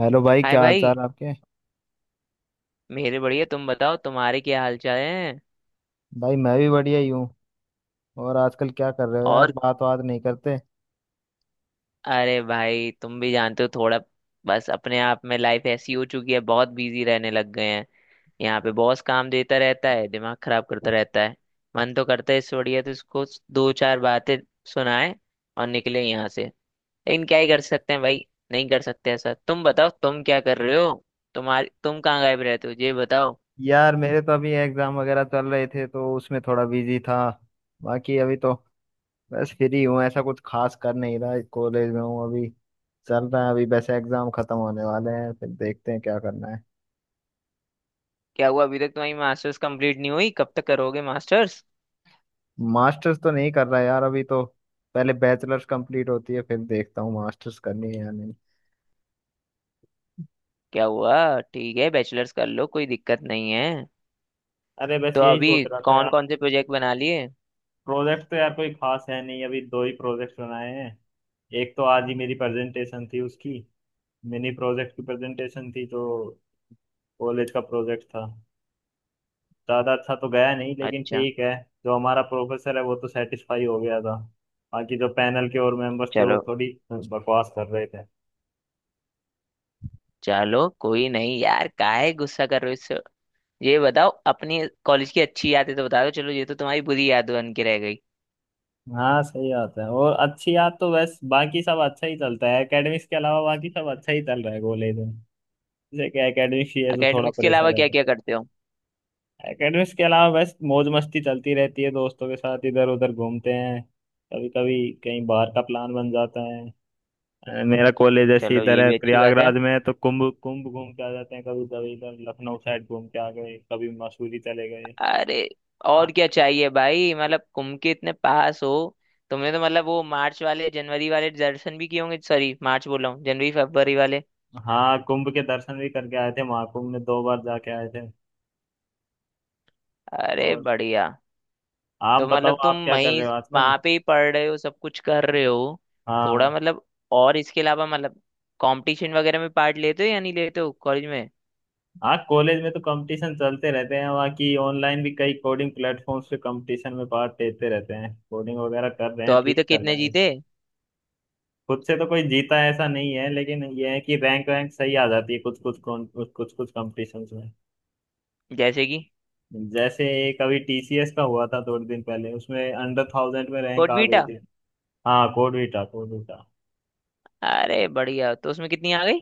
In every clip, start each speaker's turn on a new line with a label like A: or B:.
A: Hello भाई,
B: hi
A: क्या हाल चाल
B: भाई।
A: आपके।
B: मेरे बढ़िया, तुम बताओ तुम्हारे क्या हाल चाल हैं?
A: भाई मैं भी बढ़िया ही हूँ। और आजकल क्या कर रहे हो यार,
B: और
A: बात बात नहीं करते।
B: अरे भाई, तुम भी जानते हो थोड़ा। बस अपने आप में लाइफ ऐसी हो चुकी है, बहुत बिजी रहने लग गए हैं। यहाँ पे बॉस काम देता रहता है, दिमाग खराब करता रहता है। मन तो करता है इससे बढ़िया तो इसको दो चार बातें सुनाए और निकले यहाँ से। लेकिन क्या ही कर सकते हैं भाई, नहीं कर सकते। ऐसा तुम बताओ, तुम क्या कर रहे हो? तुम कहाँ गायब रहते हो ये बताओ?
A: यार मेरे तो अभी एग्जाम वगैरह चल रहे थे तो उसमें थोड़ा बिजी था। बाकी अभी तो बस फ्री हूँ, ऐसा कुछ खास कर नहीं रहा, कॉलेज में हूँ अभी। चल रहा है अभी, वैसे एग्जाम खत्म होने वाले हैं फिर देखते हैं क्या करना है।
B: क्या हुआ, अभी तक तुम्हारी मास्टर्स कंप्लीट नहीं हुई? कब तक करोगे मास्टर्स?
A: मास्टर्स तो नहीं कर रहा यार अभी तो, पहले बैचलर्स कंप्लीट होती है फिर देखता हूँ मास्टर्स करनी है या नहीं।
B: क्या हुआ, ठीक है बैचलर्स कर लो, कोई दिक्कत नहीं है।
A: अरे बस
B: तो
A: यही
B: अभी
A: सोच रहा था।
B: कौन कौन से प्रोजेक्ट बना लिए?
A: प्रोजेक्ट तो यार कोई खास है नहीं, अभी दो ही प्रोजेक्ट बनाए हैं। एक तो आज ही मेरी प्रेजेंटेशन थी उसकी, मिनी प्रोजेक्ट की प्रेजेंटेशन थी, तो कॉलेज का प्रोजेक्ट था। ज़्यादा अच्छा तो गया नहीं लेकिन
B: अच्छा।
A: ठीक है। जो हमारा प्रोफेसर है वो तो सेटिस्फाई हो गया था, बाकी जो पैनल के और मेंबर्स थे वो
B: चलो
A: थोड़ी बकवास कर रहे थे।
B: चलो, कोई नहीं यार, काहे गुस्सा कर रहे हो इससे? ये बताओ अपनी कॉलेज की अच्छी यादें तो बता दो। चलो, ये तो तुम्हारी बुरी याद बन के रह गई।
A: हाँ सही बात है, और अच्छी याद तो बस बाकी सब अच्छा ही चलता है, एकेडमिक्स के अलावा बाकी सब अच्छा ही चल रहा है कॉलेज में। जैसे कि एकेडमिक्स ही है जो थोड़ा
B: एकेडमिक्स के अलावा
A: प्रेशर है।
B: क्या क्या करते हो?
A: एकेडमिक्स के अलावा बस मौज मस्ती चलती रहती है, दोस्तों के साथ इधर उधर घूमते हैं। कभी कभी कहीं बाहर का प्लान बन जाता है। मेरा कॉलेज ऐसे
B: चलो
A: इधर
B: ये
A: है,
B: भी अच्छी बात है।
A: प्रयागराज में है, तो कुंभ कुंभ घूम के आ जाते हैं, कभी कभी इधर लखनऊ साइड घूम के आ गए, कभी मसूरी चले गए।
B: अरे, और
A: हाँ।
B: क्या चाहिए भाई, मतलब कुम के इतने पास हो। तुमने तो मतलब वो मार्च वाले जनवरी वाले दर्शन भी किए होंगे, सॉरी मार्च बोल रहा हूँ, जनवरी फरवरी वाले।
A: हाँ, कुंभ के दर्शन भी करके आए थे, महाकुंभ में दो बार जाके आए थे।
B: अरे
A: और
B: बढ़िया।
A: आप
B: तो
A: बताओ
B: मतलब तुम
A: आप क्या कर
B: वहीं
A: रहे हो आजकल।
B: वहां पे ही पढ़ रहे हो, सब कुछ कर रहे हो? थोड़ा
A: हाँ।
B: मतलब, और इसके अलावा मतलब कंपटीशन वगैरह में पार्ट लेते हो या नहीं लेते हो कॉलेज में?
A: हाँ कॉलेज में तो कंपटीशन चलते रहते हैं वहाँ की, ऑनलाइन भी कई कोडिंग प्लेटफॉर्म्स पे कंपटीशन में पार्ट लेते रहते हैं, कोडिंग वगैरह कर रहे
B: तो
A: हैं,
B: अभी
A: ठीक
B: तक
A: चल रहा
B: कितने
A: है
B: जीते?
A: सब। खुद से तो कोई जीता ऐसा नहीं है, लेकिन ये है कि रैंक वैंक सही आ जाती है कुछ कुछ कौन- कुछ कुछ कुछ कंपटीशन में।
B: जैसे कि?
A: जैसे एक अभी टीसीएस का हुआ था थोड़े दिन पहले, उसमें अंडर 1000 में रैंक आ गई
B: कोटबीटा?
A: थी। हाँ, कोड भी था।
B: अरे बढ़िया, तो उसमें कितनी आ गई?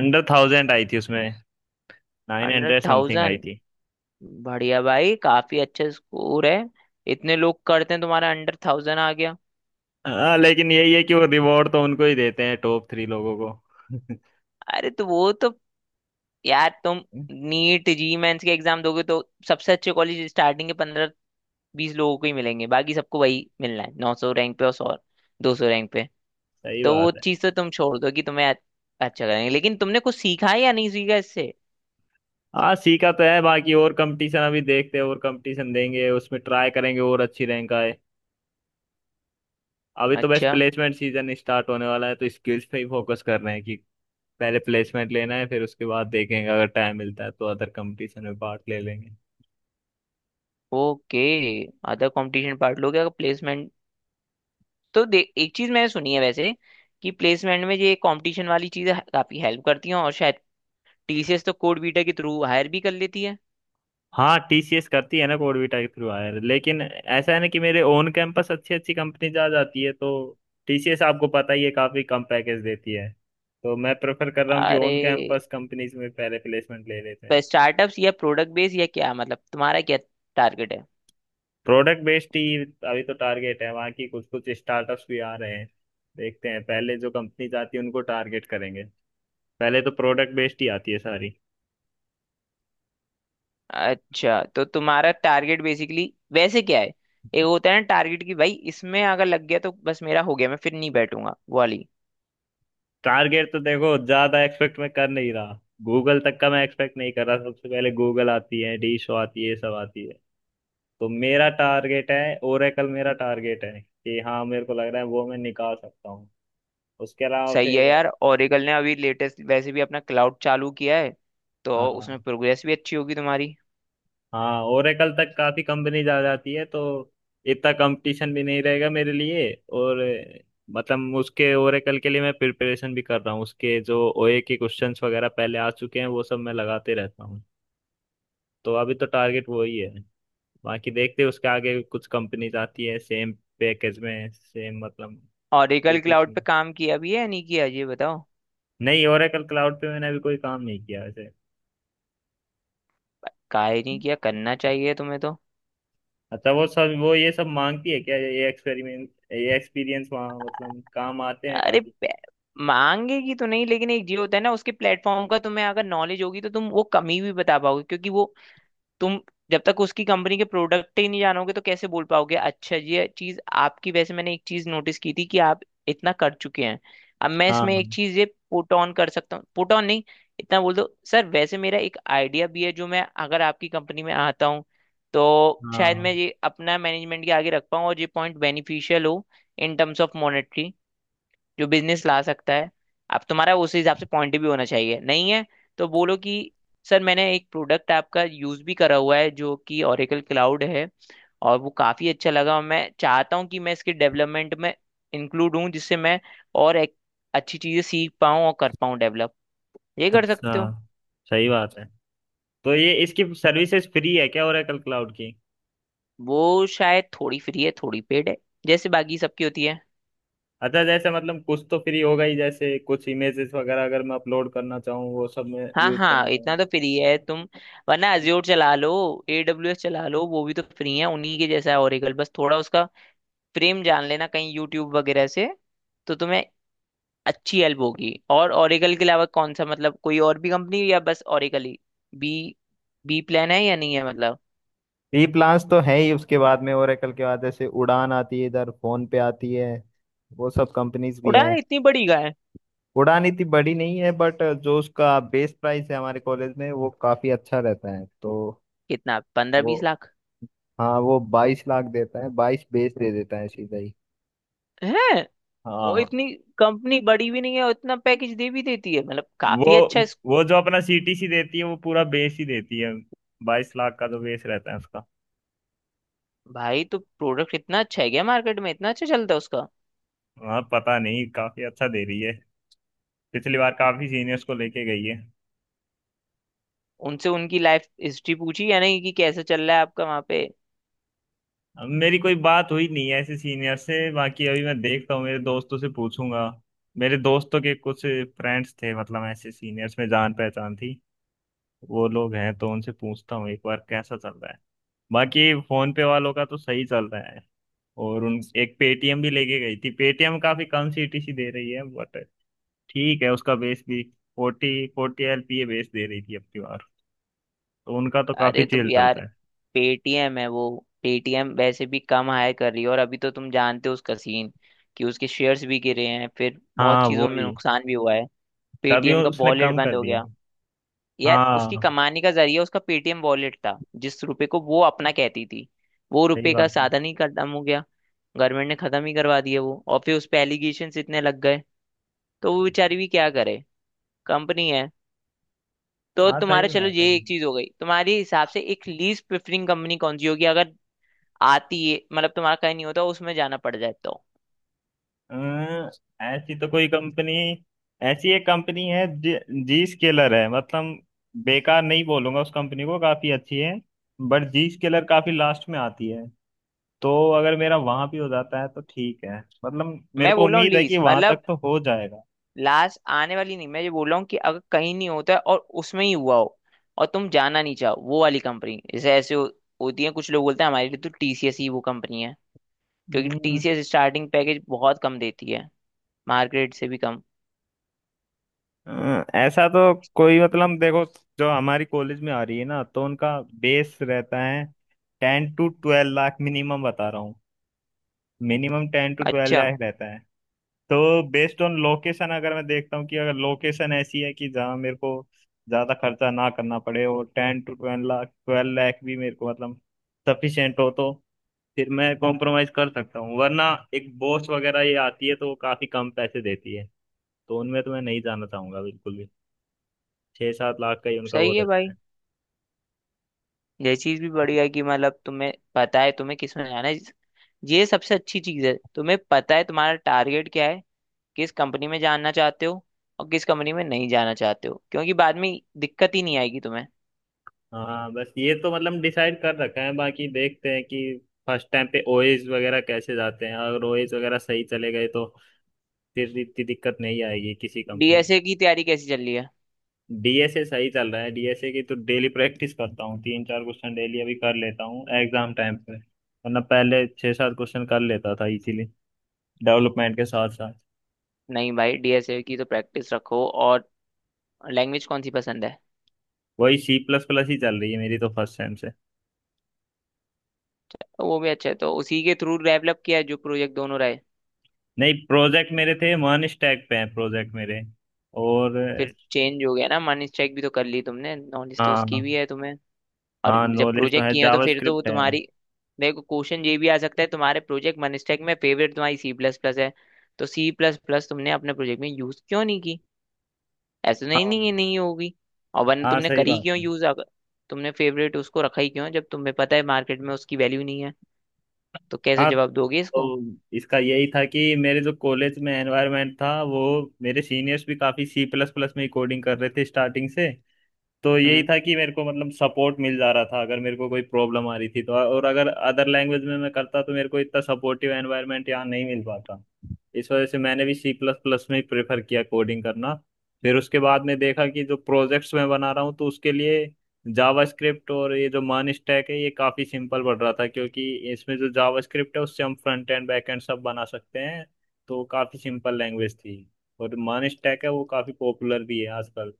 A: अंडर थाउजेंड आई थी उसमें, नाइन
B: हंड्रेड
A: हंड्रेड समथिंग आई
B: थाउजेंड?
A: थी।
B: बढ़िया भाई, काफी अच्छा स्कोर है। इतने लोग करते हैं, तुम्हारा अंडर थाउजेंड आ गया।
A: हाँ लेकिन यही है कि वो रिवॉर्ड तो उनको ही देते हैं टॉप 3 लोगों को।
B: अरे तो वो तो यार तुम, नीट जी मेंस के एग्जाम दोगे तो सबसे अच्छे कॉलेज स्टार्टिंग के 15 20 लोगों को ही मिलेंगे। बाकी सबको वही मिलना है, 900 रैंक पे और 100 200 रैंक पे।
A: सही
B: तो वो
A: बात है।
B: चीज़ तो तुम छोड़ दो कि तुम्हें अच्छा करेंगे, लेकिन तुमने कुछ सीखा है या नहीं सीखा इससे?
A: हाँ सीखा तो है, बाकी और कंपटीशन अभी देखते हैं, और कंपटीशन देंगे उसमें ट्राई करेंगे और अच्छी रैंक आए। अभी तो बस
B: अच्छा।
A: प्लेसमेंट सीजन स्टार्ट होने वाला है, तो स्किल्स पे ही फोकस कर रहे हैं कि पहले प्लेसमेंट लेना है, फिर उसके बाद देखेंगे, अगर टाइम मिलता है तो अदर कंपटीशन में पार्ट ले लेंगे।
B: ओके। अदर कंपटीशन पार्ट लोगे अगर प्लेसमेंट तो दे। एक चीज मैंने सुनी है वैसे, कि प्लेसमेंट में ये कंपटीशन वाली चीजें काफी हेल्प करती हैं, और शायद टीसीएस तो कोड बीटा के थ्रू हायर भी कर लेती है।
A: हाँ टीसीएस करती है ना कोडविटा के थ्रू हायर, लेकिन ऐसा है ना कि मेरे ओन कैंपस अच्छी अच्छी कंपनी जा जाती है, तो टीसीएस आपको पता ही है काफी कम पैकेज देती है, तो मैं प्रेफर कर रहा हूँ कि
B: अरे
A: ओन कैंपस कंपनीज में पहले प्लेसमेंट ले लेते
B: पर
A: हैं।
B: स्टार्टअप्स या प्रोडक्ट बेस या क्या मतलब तुम्हारा क्या टारगेट है
A: प्रोडक्ट बेस्ड ही अभी तो टारगेट है, वहाँ की कुछ कुछ स्टार्टअप्स भी आ रहे हैं, देखते हैं पहले जो कंपनीज आती है उनको टारगेट करेंगे, पहले तो प्रोडक्ट बेस्ड ही आती है सारी।
B: अच्छा तो तुम्हारा टारगेट बेसिकली वैसे क्या है एक होता है ना टारगेट की भाई इसमें अगर लग गया तो बस मेरा हो गया मैं फिर नहीं बैठूंगा वाली
A: टारगेट तो देखो ज्यादा एक्सपेक्ट मैं कर नहीं रहा, गूगल तक का मैं एक्सपेक्ट नहीं कर रहा, सबसे पहले गूगल आती है, डीशो आती है, ये सब आती है। तो मेरा टारगेट है ओरेकल, मेरा टारगेट है कि हाँ मेरे को लग रहा है वो मैं निकाल सकता हूँ, उसके अलावा
B: सही है
A: फिर।
B: यार ओरेकल ने अभी लेटेस्ट वैसे भी अपना क्लाउड चालू किया है तो
A: हाँ।
B: उसमें प्रोग्रेस भी अच्छी होगी तुम्हारी
A: हाँ ओरेकल तक काफी कंपनीज आ जाती है तो इतना कंपटीशन भी नहीं रहेगा मेरे लिए। और मतलब उसके ओरेकल के लिए मैं प्रिपरेशन भी कर रहा हूँ, उसके जो ओए के क्वेश्चंस वगैरह पहले आ चुके हैं वो सब मैं लगाते रहता हूँ। तो अभी तो टारगेट वही है, बाकी देखते हैं उसके आगे कुछ कंपनीज आती है सेम पैकेज में सेम मतलब।
B: Oracle cloud
A: etc.
B: पे काम किया भी है या नहीं किया ये बताओ
A: नहीं ओरेकल क्लाउड पे मैंने अभी कोई काम नहीं किया वैसे।
B: काहे नहीं किया करना चाहिए तुम्हें तो
A: अच्छा वो सब, वो ये सब मांगती है क्या, ये एक्सपेरिमेंट ये एक्सपीरियंस वहाँ मतलब काम आते हैं
B: अरे
A: काफी।
B: मांगेगी तो नहीं, लेकिन एक जी होता है ना उसके प्लेटफॉर्म का। तुम्हें अगर नॉलेज होगी तो तुम वो कमी भी बता पाओगे, क्योंकि वो तुम जब तक उसकी कंपनी के प्रोडक्ट ही नहीं जानोगे तो कैसे बोल पाओगे? अच्छा ये चीज आपकी, वैसे मैंने एक चीज नोटिस की थी कि आप इतना कर चुके हैं, अब मैं इसमें एक
A: हाँ।
B: चीज ये पुट ऑन कर सकता हूँ। पुट ऑन नहीं, इतना बोल दो, सर वैसे मेरा एक आइडिया भी है, जो मैं अगर आपकी कंपनी में आता हूँ तो शायद
A: हाँ
B: मैं ये अपना मैनेजमेंट के आगे रख पाऊँ, और ये पॉइंट बेनिफिशियल हो इन टर्म्स ऑफ मॉनेटरी जो बिजनेस ला सकता है। अब तुम्हारा उस हिसाब से पॉइंट भी होना चाहिए, नहीं है तो बोलो कि सर मैंने एक प्रोडक्ट आपका यूज भी करा हुआ है जो कि ओरेकल क्लाउड है, और वो काफी अच्छा लगा और मैं चाहता हूँ कि मैं इसके डेवलपमेंट में इंक्लूड हूँ, जिससे मैं और एक अच्छी चीजें सीख पाऊँ और कर पाऊँ डेवलप। ये कर
A: अच्छा,
B: सकते हो।
A: सही बात है, तो ये इसकी सर्विसेज फ्री है क्या ओरेकल क्लाउड की।
B: वो शायद थोड़ी फ्री है, थोड़ी पेड है, जैसे बाकी सबकी होती है।
A: अच्छा जैसे मतलब कुछ तो फ्री होगा ही, जैसे कुछ इमेजेस वगैरह अगर मैं अपलोड करना चाहूँ वो सब मैं
B: हाँ
A: यूज
B: हाँ,
A: करना चाहूँ।
B: इतना तो फ्री है तुम, वरना अज्योर चला लो, एडब्ल्यूएस चला लो, वो भी तो फ्री है। उन्हीं के जैसा है ओरेकल, बस थोड़ा उसका फ्रेम जान लेना कहीं यूट्यूब वगैरह से, तो तुम्हें अच्छी हेल्प होगी। और ओरेकल के अलावा कौन सा, मतलब कोई और भी कंपनी या बस ओरेकल ही, बी बी प्लान है या नहीं है मतलब?
A: फ्री प्लान्स तो है ही, उसके बाद में ओरेकल के बाद जैसे उड़ान आती है, इधर फोन पे आती है, वो सब कंपनीज भी
B: उड़ान
A: हैं।
B: इतनी बड़ी का है?
A: उड़ान इतनी बड़ी नहीं है बट जो उसका बेस प्राइस है हमारे कॉलेज में वो काफी अच्छा रहता है तो।
B: कितना, 15
A: वो
B: 20 लाख?
A: हाँ, वो 22 लाख देता है, बाईस बेस दे देता है सीधा ही।
B: है? और
A: हाँ।
B: इतनी कंपनी बड़ी भी नहीं है और इतना पैकेज दे भी देती है, मतलब
A: वो
B: काफी अच्छा है। इस
A: वो जो अपना सीटीसी देती है वो पूरा बेस ही देती है, 22 लाख का जो बेस रहता है उसका।
B: भाई तो प्रोडक्ट इतना अच्छा है क्या, मार्केट में इतना अच्छा चलता है उसका?
A: हाँ पता नहीं काफी अच्छा दे रही है, पिछली बार काफी सीनियर्स को लेके गई है।
B: उनसे उनकी लाइफ हिस्ट्री पूछी, यानी कि कैसे चल रहा है आपका वहां पे?
A: अब मेरी कोई बात हुई नहीं है ऐसे सीनियर से, बाकी अभी मैं देखता हूँ मेरे दोस्तों से पूछूंगा, मेरे दोस्तों के कुछ फ्रेंड्स थे मतलब ऐसे सीनियर्स में, जान पहचान थी, वो लोग हैं तो उनसे पूछता हूँ एक बार कैसा चल रहा है। बाकी फोन पे वालों का तो सही चल रहा है। और उन एक पेटीएम भी लेके गई थी, पेटीएम काफी कम सीटीसी दे रही है, बट ठीक है उसका बेस भी फोर्टी फोर्टी एलपीए बेस दे रही थी अब की बार, तो उनका तो काफी
B: अरे तो
A: चेल
B: यार,
A: चलता है।
B: पेटीएम है वो, पेटीएम वैसे भी कम हायर कर रही है, और अभी तो तुम जानते हो उसका सीन, कि उसके शेयर्स भी गिरे हैं, फिर बहुत
A: हाँ
B: चीजों में
A: वही,
B: नुकसान भी हुआ है।
A: तभी
B: पेटीएम का
A: उसने
B: वॉलेट
A: कम
B: बंद
A: कर
B: हो
A: दिया।
B: गया। यार उसकी
A: हाँ
B: कमाने का जरिया उसका पेटीएम वॉलेट था, जिस रुपए को वो अपना कहती थी, वो
A: सही
B: रुपए का
A: बात है।
B: साधन ही खत्म हो गया। गवर्नमेंट ने खत्म ही करवा दिया वो, और फिर उस पे एलिगेशन इतने लग गए, तो वो बेचारी भी क्या करे, कंपनी है। तो
A: हाँ
B: तुम्हारा,
A: सही
B: चलो,
A: बात
B: ये
A: है।
B: एक चीज हो गई, तुम्हारे हिसाब से एक लीस्ट प्रेफरिंग कंपनी कौन सी होगी, अगर आती है, मतलब तुम्हारा कहीं नहीं होता, उसमें जाना पड़ जाए तो?
A: अं, ऐसी तो कोई कंपनी, ऐसी एक कंपनी है जी, स्केलर है, मतलब बेकार नहीं बोलूंगा उस कंपनी को, काफी अच्छी है, बट जी स्केलर काफी लास्ट में आती है, तो अगर मेरा वहां भी हो जाता है तो ठीक है, मतलब मेरे
B: मैं
A: को
B: बोल रहा हूँ
A: उम्मीद है कि
B: लीस्ट
A: वहां
B: मतलब
A: तक तो हो जाएगा।
B: लास्ट आने वाली नहीं, मैं ये बोल रहा हूँ कि अगर कहीं नहीं होता है और उसमें ही हुआ हो और तुम जाना नहीं चाहो वो वाली कंपनी, जैसे ऐसे हो, होती है, कुछ लोग बोलते हैं हमारे लिए तो टीसीएस ही वो कंपनी है, क्योंकि
A: हम्म।
B: टीसीएस स्टार्टिंग पैकेज बहुत कम देती है, मार्केट से भी कम।
A: ऐसा तो कोई मतलब, देखो जो हमारी कॉलेज में आ रही है ना तो उनका बेस रहता है 10-12 लाख, मिनिमम बता रहा हूँ, मिनिमम टेन टू ट्वेल्व
B: अच्छा।
A: लाख रहता है। तो बेस्ड ऑन लोकेशन अगर मैं देखता हूँ कि अगर लोकेशन ऐसी है कि जहाँ मेरे को ज्यादा खर्चा ना करना पड़े, और 10-12 लाख, 12 लाख भी मेरे को मतलब सफिशियंट हो, तो फिर मैं कॉम्प्रोमाइज कर सकता हूँ, वरना एक बॉस वगैरह ये आती है तो वो काफी कम पैसे देती है, तो उनमें तो मैं नहीं जाना चाहूंगा बिल्कुल भी, 6-7 लाख का ही उनका वो
B: सही है
A: रहता
B: भाई।
A: है।
B: ये चीज भी बढ़िया है कि मतलब तुम्हें पता है तुम्हें किस में जाना है, ये सबसे अच्छी चीज है। तुम्हें पता है तुम्हारा टारगेट क्या है, किस कंपनी में जाना चाहते हो और किस कंपनी में नहीं जाना चाहते हो, क्योंकि बाद में दिक्कत ही नहीं आएगी तुम्हें।
A: हाँ बस ये तो मतलब डिसाइड कर रखा है, बाकी देखते हैं कि फर्स्ट टाइम पे ओएस वगैरह कैसे जाते हैं, अगर ओएस वगैरह सही चले गए तो फिर इतनी दिक्कत नहीं आएगी किसी कंपनी में।
B: डीएसए की तैयारी कैसी चल रही है?
A: डीएसए सही चल रहा है, डीएसए की तो डेली प्रैक्टिस करता हूँ, तीन चार क्वेश्चन डेली अभी कर लेता हूँ एग्जाम टाइम पे, वरना पहले छः सात क्वेश्चन कर लेता था, इसीलिए डेवलपमेंट के साथ साथ।
B: नहीं भाई, डीएसए की तो प्रैक्टिस रखो। और लैंग्वेज कौन सी पसंद है?
A: वही सी प्लस प्लस ही चल रही है मेरी तो फर्स्ट सेम से।
B: तो वो भी अच्छा है, तो उसी के थ्रू डेवलप किया है जो प्रोजेक्ट दोनों रहे?
A: नहीं प्रोजेक्ट मेरे थे वन स्टैक पे हैं, प्रोजेक्ट मेरे और।
B: फिर चेंज हो गया ना, मनी स्ट्राइक भी तो कर ली तुमने, नॉलेज तो
A: हाँ।
B: उसकी भी है तुम्हें, और
A: हाँ
B: जब
A: नॉलेज तो
B: प्रोजेक्ट
A: है,
B: किए हो तो फिर तो वो
A: जावास्क्रिप्ट है।
B: तुम्हारी। देखो, क्वेश्चन ये भी आ सकता है, तुम्हारे प्रोजेक्ट मनस्टैक में, फेवरेट तुम्हारी सी प्लस प्लस है, तो सी प्लस प्लस तुमने अपने प्रोजेक्ट में यूज क्यों नहीं की? ऐसा नहीं
A: हाँ।
B: नहीं, ये नहीं होगी, और वरना
A: हाँ
B: तुमने
A: सही
B: करी
A: बात
B: क्यों
A: है।
B: यूज, अगर तुमने फेवरेट उसको रखा ही क्यों है, जब तुम्हें पता है मार्केट में उसकी वैल्यू नहीं है, तो कैसे
A: हाँ
B: जवाब दोगे
A: तो
B: इसको?
A: इसका यही था कि मेरे जो कॉलेज में एनवायरनमेंट था वो, मेरे सीनियर्स भी काफ़ी सी प्लस प्लस में ही कोडिंग कर रहे थे स्टार्टिंग से, तो यही
B: हम्म।
A: था कि मेरे को मतलब सपोर्ट मिल जा रहा था अगर मेरे को कोई प्रॉब्लम आ रही थी तो, और अगर अदर लैंग्वेज में मैं करता तो मेरे को इतना सपोर्टिव एनवायरनमेंट यहाँ नहीं मिल पाता। इस वजह से मैंने भी सी प्लस प्लस में ही प्रेफर किया कोडिंग करना। फिर उसके बाद में देखा कि जो प्रोजेक्ट्स मैं बना रहा हूँ तो उसके लिए जावास्क्रिप्ट, और ये जो मान स्टैक है ये काफ़ी सिंपल पड़ रहा था, क्योंकि इसमें जो जावास्क्रिप्ट है उससे हम फ्रंट एंड बैक एंड सब बना सकते हैं, तो काफ़ी सिंपल लैंग्वेज थी। और मान स्टैक है वो काफ़ी पॉपुलर भी है आजकल,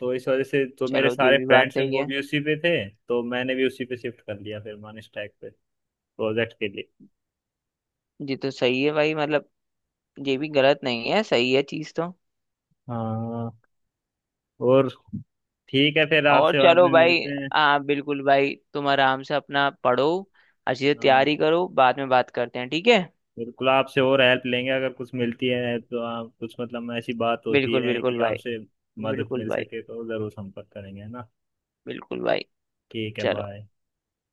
A: तो इस वजह से तो मेरे
B: चलो ये
A: सारे
B: भी बात
A: फ्रेंड्स हैं
B: सही
A: वो
B: है।
A: भी उसी पे थे, तो मैंने भी उसी पे शिफ्ट कर लिया फिर, मान स्टैक पे प्रोजेक्ट के लिए।
B: ये तो सही है भाई, मतलब ये भी गलत नहीं है, सही है चीज तो।
A: हाँ। और ठीक है फिर
B: और
A: आपसे बाद
B: चलो
A: में
B: भाई,
A: मिलते हैं।
B: हाँ बिल्कुल भाई, तुम आराम से अपना पढ़ो, अच्छी से
A: हाँ
B: तैयारी करो, बाद में बात करते हैं ठीक है?
A: बिल्कुल आपसे और हेल्प लेंगे, अगर कुछ मिलती है तो आप कुछ मतलब ऐसी बात होती
B: बिल्कुल
A: है कि
B: बिल्कुल भाई।
A: आपसे मदद
B: बिल्कुल
A: मिल
B: भाई।
A: सके तो ज़रूर संपर्क करेंगे, है ना।
B: बिल्कुल भाई।
A: ठीक है
B: चलो।
A: बाय।